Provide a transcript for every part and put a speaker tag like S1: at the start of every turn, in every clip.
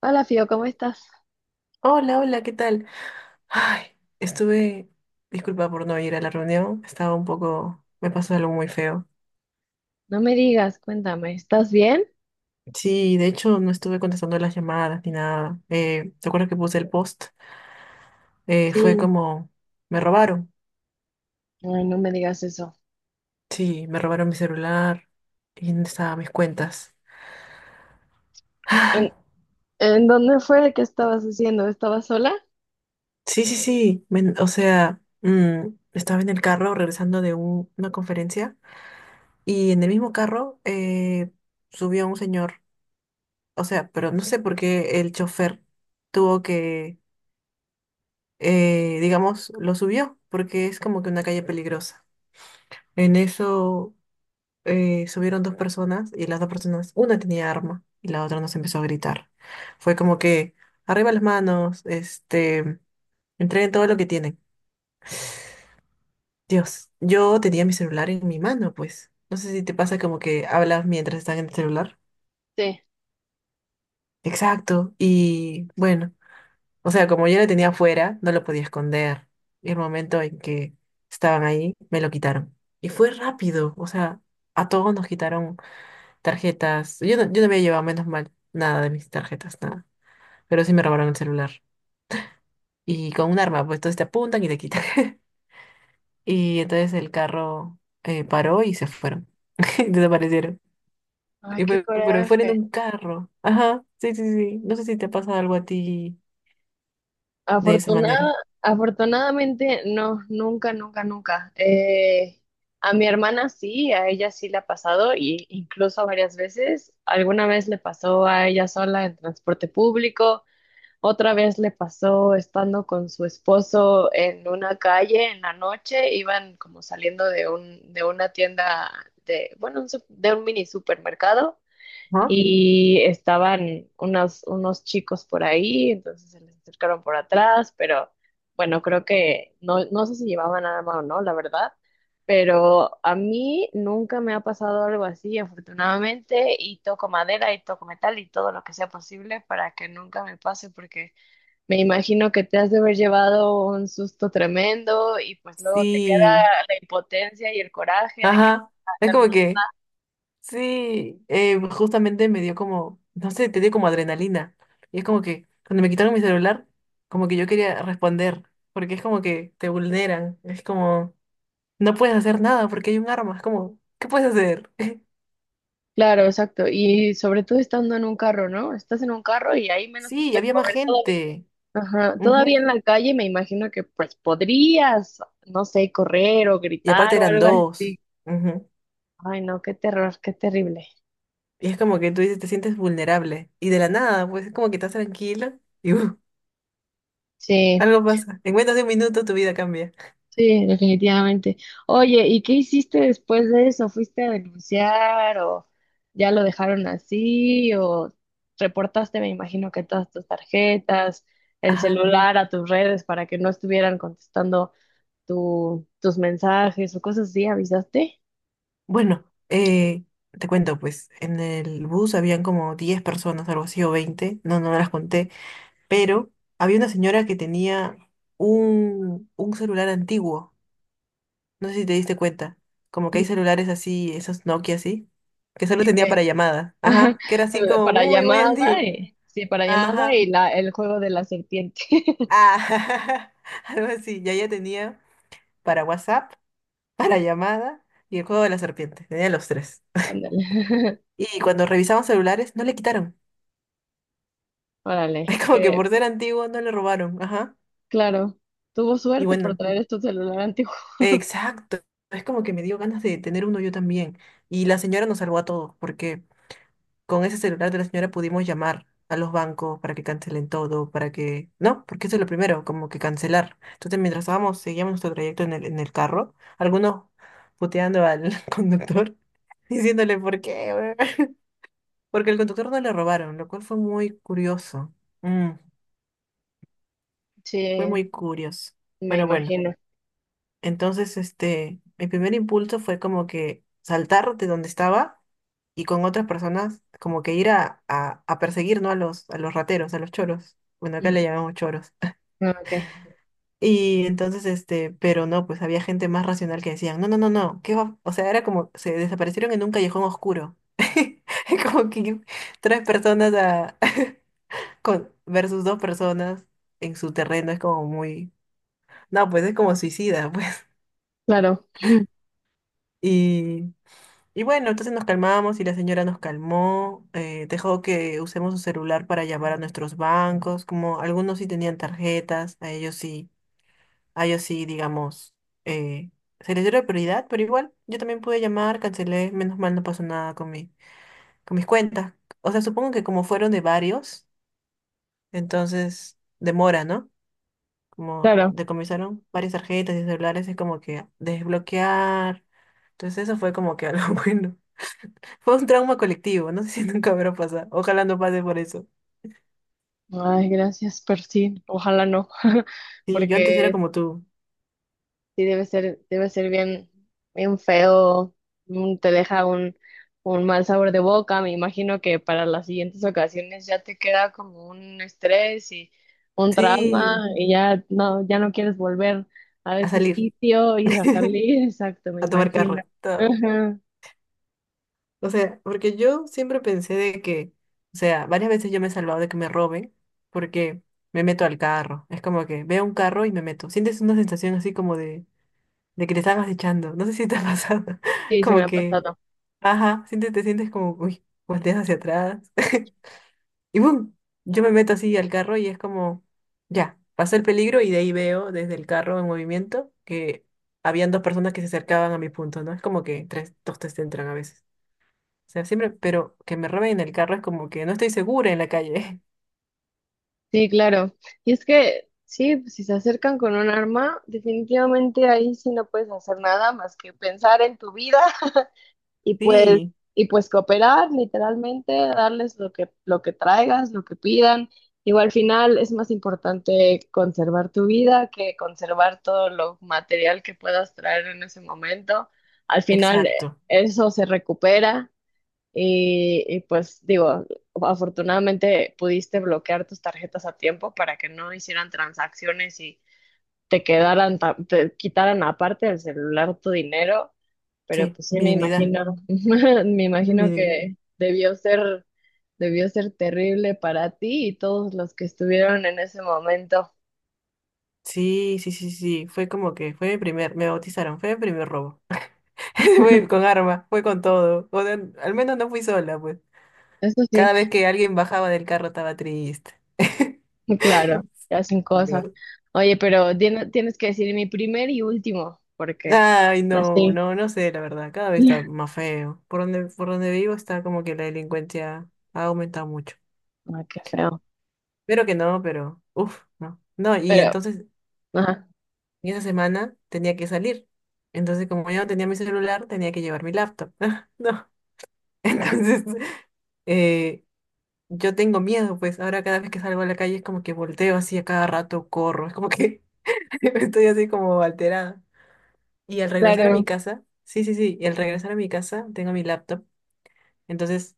S1: Hola, Fío, ¿cómo estás?
S2: Hola, hola, ¿qué tal? Ay, estuve, disculpa por no ir a la reunión, estaba un poco, me pasó algo muy feo.
S1: No me digas, cuéntame, ¿estás bien?
S2: Sí, de hecho no estuve contestando las llamadas ni nada. ¿Te acuerdas que puse el post? Fue
S1: Sí.
S2: como, me robaron.
S1: Ay, no me digas eso.
S2: Sí, me robaron mi celular y dónde estaban mis cuentas.
S1: ¿En,
S2: Ah,
S1: en dónde fue que estabas haciendo? ¿Estabas sola?
S2: sí, sí, sí, o sea, estaba en el carro regresando de una conferencia y en el mismo carro subió un señor. O sea, pero no sé por qué el chofer tuvo que, digamos, lo subió, porque es como que una calle peligrosa. En eso subieron dos personas y las dos personas, una tenía arma y la otra nos empezó a gritar. Fue como que, arriba las manos, este, entreguen todo lo que tienen. Dios, yo tenía mi celular en mi mano, pues. No sé si te pasa como que hablas mientras están en el celular.
S1: Sí.
S2: Exacto. Y bueno. O sea, como yo lo tenía afuera, no lo podía esconder. Y el momento en que estaban ahí, me lo quitaron. Y fue rápido, o sea, a todos nos quitaron tarjetas. Yo no había llevado, menos mal, nada de mis tarjetas, nada. Pero sí me robaron el celular. Y con un arma, pues entonces te apuntan y te quitan. Y entonces el carro paró y se fueron. Desaparecieron.
S1: Ay, qué
S2: Pero fueron en
S1: coraje.
S2: un carro. Ajá, sí, sí, sí. No sé si te ha pasado algo a ti de esa
S1: Afortunada,
S2: manera.
S1: Afortunadamente, no, nunca, nunca, nunca. A mi hermana sí, a ella sí le ha pasado, y incluso varias veces. Alguna vez le pasó a ella sola en transporte público. Otra vez le pasó estando con su esposo en una calle en la noche, iban como saliendo de de una tienda de, bueno, de un mini supermercado
S2: Ajá.
S1: y estaban unos chicos por ahí, entonces se les acercaron por atrás, pero bueno, creo que no, no sé si llevaban arma o no, la verdad, pero a mí nunca me ha pasado algo así, afortunadamente, y toco madera y toco metal y todo lo que sea posible para que nunca me pase porque me imagino que te has de haber llevado un susto tremendo y pues luego te queda
S2: Sí.
S1: la impotencia y el coraje de que no
S2: Ajá,
S1: puedes
S2: es
S1: hacer
S2: como
S1: nada.
S2: que, sí, justamente me dio como, no sé, te dio como adrenalina. Y es como que cuando me quitaron mi celular, como que yo quería responder, porque es como que te vulneran, es como, no puedes hacer nada porque hay un arma, es como, ¿qué puedes hacer?
S1: Claro, exacto. Y sobre todo estando en un carro, ¿no? Estás en un carro y ahí menos te
S2: Sí,
S1: puedes
S2: había más
S1: mover todavía.
S2: gente.
S1: Ajá. Todavía
S2: Ujú.
S1: en la calle me imagino que pues podrías, no sé, correr o
S2: Y
S1: gritar
S2: aparte
S1: o
S2: eran
S1: algo
S2: dos.
S1: así.
S2: Ujú.
S1: Ay, no, qué terror, qué terrible.
S2: Y es como que tú dices, te sientes vulnerable. Y de la nada, pues es como que estás tranquila y
S1: Sí.
S2: algo pasa. En menos de 1 minuto tu vida cambia.
S1: Sí, definitivamente. Oye, ¿y qué hiciste después de eso? ¿Fuiste a denunciar o ya lo dejaron así o reportaste, me imagino que todas tus tarjetas, el
S2: Ajá.
S1: celular a tus redes para que no estuvieran contestando tus mensajes o cosas así? ¿Avisaste?
S2: Bueno, te cuento, pues en el bus habían como 10 personas, algo así, o 20, no, no las conté, pero había una señora que tenía un celular antiguo, no sé si te diste cuenta, como que hay celulares así, esos Nokia así, que solo
S1: Sí,
S2: tenía
S1: que
S2: para llamadas, ajá, que era así como
S1: para
S2: muy, muy
S1: llamada
S2: antiguo,
S1: y sí, para llamada
S2: ajá,
S1: y el juego de la serpiente.
S2: ah, algo así, ya ella tenía para WhatsApp, para llamada y el juego de la serpiente, tenía los tres.
S1: Ándale.
S2: Y cuando revisamos celulares, no le quitaron.
S1: Órale,
S2: Es como que
S1: que
S2: por ser antiguo no le robaron, ajá.
S1: claro, tuvo
S2: Y
S1: suerte por
S2: bueno,
S1: traer este celular antiguo.
S2: exacto. Es como que me dio ganas de tener uno yo también. Y la señora nos salvó a todos, porque con ese celular de la señora pudimos llamar a los bancos para que cancelen todo, para que... No, porque eso es lo primero, como que cancelar. Entonces, mientras estábamos, seguíamos nuestro trayecto en en el carro, algunos puteando al conductor, diciéndole por qué, weón?". Porque el conductor no le robaron, lo cual fue muy curioso. Mm, fue
S1: Sí,
S2: muy curioso.
S1: me
S2: Pero bueno.
S1: imagino.
S2: Entonces, este, mi primer impulso fue como que saltar de donde estaba y con otras personas como que ir a perseguir, ¿no? A a los rateros, a los choros. Bueno, acá
S1: Mm,
S2: le llamamos choros.
S1: ah, Ok,
S2: Y entonces, este, pero no, pues había gente más racional que decían, no, no, no, no, ¿qué va? O sea, era como, se desaparecieron en un callejón oscuro. Como que tres personas a, con, versus dos personas en su terreno es como muy, no, pues es como suicida, pues.
S1: claro,
S2: Y Y bueno, entonces nos calmamos y la señora nos calmó, dejó que usemos su celular para llamar a nuestros bancos, como algunos sí tenían tarjetas, a ellos sí, digamos, eh, se les dio la prioridad, pero igual yo también pude llamar, cancelé, menos mal no pasó nada con mi, con mis cuentas. O sea, supongo que como fueron de varios, entonces demora, ¿no? Como
S1: claro.
S2: decomisaron varias tarjetas y celulares, es como que desbloquear. Entonces eso fue como que algo bueno. Fue un trauma colectivo, no sé si nunca habrá pasado. Ojalá no pase por eso.
S1: Ay, gracias, pero sí, ojalá no,
S2: Sí, yo antes era
S1: porque
S2: como tú.
S1: sí debe ser bien, bien feo, mm, te deja un mal sabor de boca. Me imagino que para las siguientes ocasiones ya te queda como un estrés y un trauma
S2: Sí,
S1: y ya no, ya no quieres volver a
S2: a
S1: ese
S2: salir,
S1: sitio y a salir. Exacto, me
S2: a tomar
S1: imagino.
S2: carro, todo.
S1: Ajá.
S2: O sea, porque yo siempre pensé de que, o sea, varias veces yo me he salvado de que me roben porque me meto al carro. Es como que veo un carro y me meto. Sientes una sensación así como de que te estabas echando. No sé si te ha pasado.
S1: Sí, se me
S2: Como
S1: ha
S2: que,
S1: pasado.
S2: ajá, sientes, te sientes como, uy, volteas hacia atrás. Y boom, yo me meto así al carro y es como, ya, pasé el peligro y de ahí veo desde el carro en movimiento que habían dos personas que se acercaban a mi punto, ¿no? Es como que tres, dos te entran a veces. O sea, siempre, pero que me roben el carro es como que no estoy segura en la calle.
S1: Sí, claro. Y es que, sí, pues, si se acercan con un arma, definitivamente ahí sí no puedes hacer nada más que pensar en tu vida y pues,
S2: Sí,
S1: y pues cooperar, literalmente, darles lo que traigas, lo que pidan. Digo, al final es más importante conservar tu vida que conservar todo lo material que puedas traer en ese momento. Al final
S2: exacto.
S1: eso se recupera. Y pues digo, afortunadamente pudiste bloquear tus tarjetas a tiempo para que no hicieran transacciones y te quedaran, te quitaran aparte del celular tu dinero, pero
S2: Sí,
S1: pues sí
S2: mi
S1: me
S2: dignidad.
S1: imagino, me
S2: Mi
S1: imagino
S2: dig-
S1: que debió ser terrible para ti y todos los que estuvieron en ese momento.
S2: Sí, sí, sí, sí. Fue como que fue mi primer, me bautizaron, fue mi primer robo. Fue con arma, fue con todo. O sea, al menos no fui sola, pues.
S1: Eso sí,
S2: Cada vez que alguien bajaba del carro estaba triste.
S1: muy claro, te hacen
S2: De
S1: cosas.
S2: verdad.
S1: Oye, pero tienes que decir mi primer y último, porque
S2: Ay, no,
S1: así.
S2: no, no sé, la verdad, cada vez
S1: Ay,
S2: está más feo. Por donde vivo está como que la delincuencia ha aumentado mucho.
S1: qué feo.
S2: Pero que no, pero, uff, no. No, y
S1: Pero,
S2: entonces,
S1: ajá,
S2: y esa semana tenía que salir. Entonces, como yo no tenía mi celular, tenía que llevar mi laptop. No, entonces, eh, yo tengo miedo, pues ahora cada vez que salgo a la calle es como que volteo así a cada rato, corro, es como que estoy así como alterada. Y al regresar a mi
S1: claro,
S2: casa, sí, sí, sí, y al regresar a mi casa tengo mi laptop. Entonces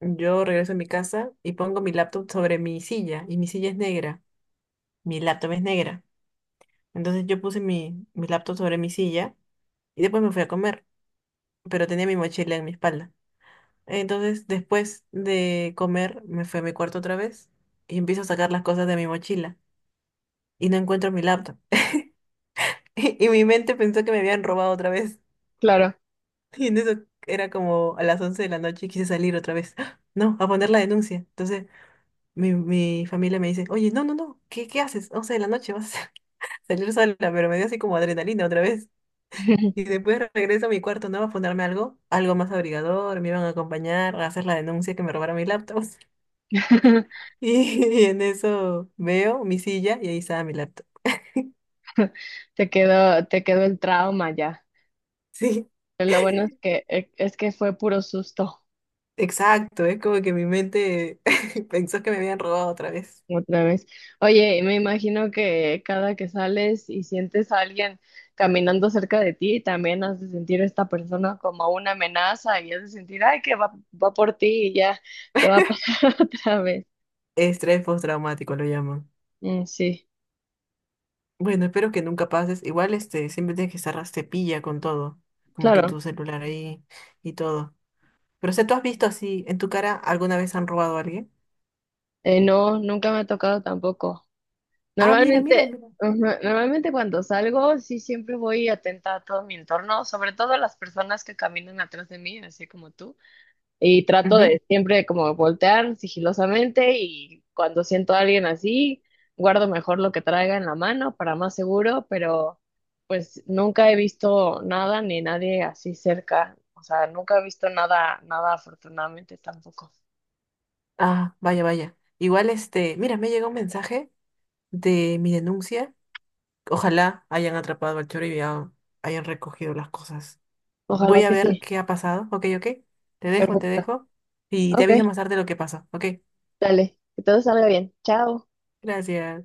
S2: yo regreso a mi casa y pongo mi laptop sobre mi silla y mi silla es negra, mi laptop es negra. Entonces yo puse mi laptop sobre mi silla y después me fui a comer, pero tenía mi mochila en mi espalda. Entonces después de comer me fui a mi cuarto otra vez y empiezo a sacar las cosas de mi mochila y no encuentro mi laptop. Y mi mente pensó que me habían robado otra vez.
S1: claro.
S2: Y en eso era como a las 11 de la noche y quise salir otra vez. ¡Ah! No, a poner la denuncia. Entonces mi familia me dice, oye, no, no, no, ¿qué, qué haces? 11 de la noche vas a salir sola, pero me dio así como adrenalina otra vez. Y después regreso a mi cuarto, ¿no? A ponerme algo, algo más abrigador, me iban a acompañar a hacer la denuncia que me robaron mi laptop. Y, y en eso veo mi silla y ahí estaba mi laptop.
S1: Te quedó el trauma ya.
S2: Sí,
S1: Pero lo bueno es que es que fue puro susto
S2: exacto, es como que mi mente pensó que me habían robado otra vez.
S1: otra vez. Oye, y me imagino que cada que sales y sientes a alguien caminando cerca de ti, también has de sentir a esta persona como una amenaza y has de sentir, ay, que va, va por ti y ya te va a pasar otra vez.
S2: Estrés postraumático lo llaman.
S1: Mm, sí,
S2: Bueno, espero que nunca pases. Igual, este, siempre tienes que estar cepilla con todo, como que
S1: claro.
S2: tu celular ahí y todo. Pero, o sea, ¿tú has visto así en tu cara alguna vez han robado a alguien?
S1: No, nunca me ha tocado tampoco.
S2: Ah, mira, mira,
S1: Normalmente,
S2: mira.
S1: ujú, normalmente cuando salgo, sí siempre voy atenta a todo mi entorno, sobre todo a las personas que caminan atrás de mí, así como tú. Y trato
S2: Ujú.
S1: de siempre como voltear sigilosamente y cuando siento a alguien así, guardo mejor lo que traiga en la mano para más seguro, pero pues nunca he visto nada ni nadie así cerca. O sea, nunca he visto nada, nada afortunadamente tampoco.
S2: Ah, vaya, vaya. Igual, este, mira, me llegó un mensaje de mi denuncia. Ojalá hayan atrapado al choro y ya hayan recogido las cosas. Voy
S1: Ojalá
S2: a
S1: que
S2: ver
S1: sí.
S2: qué ha pasado. Ok, ok. Te dejo, te
S1: Perfecto.
S2: dejo. Y te
S1: Ok,
S2: aviso más tarde lo que pasó. Ok.
S1: dale. Que todo salga bien. Chao.
S2: Gracias.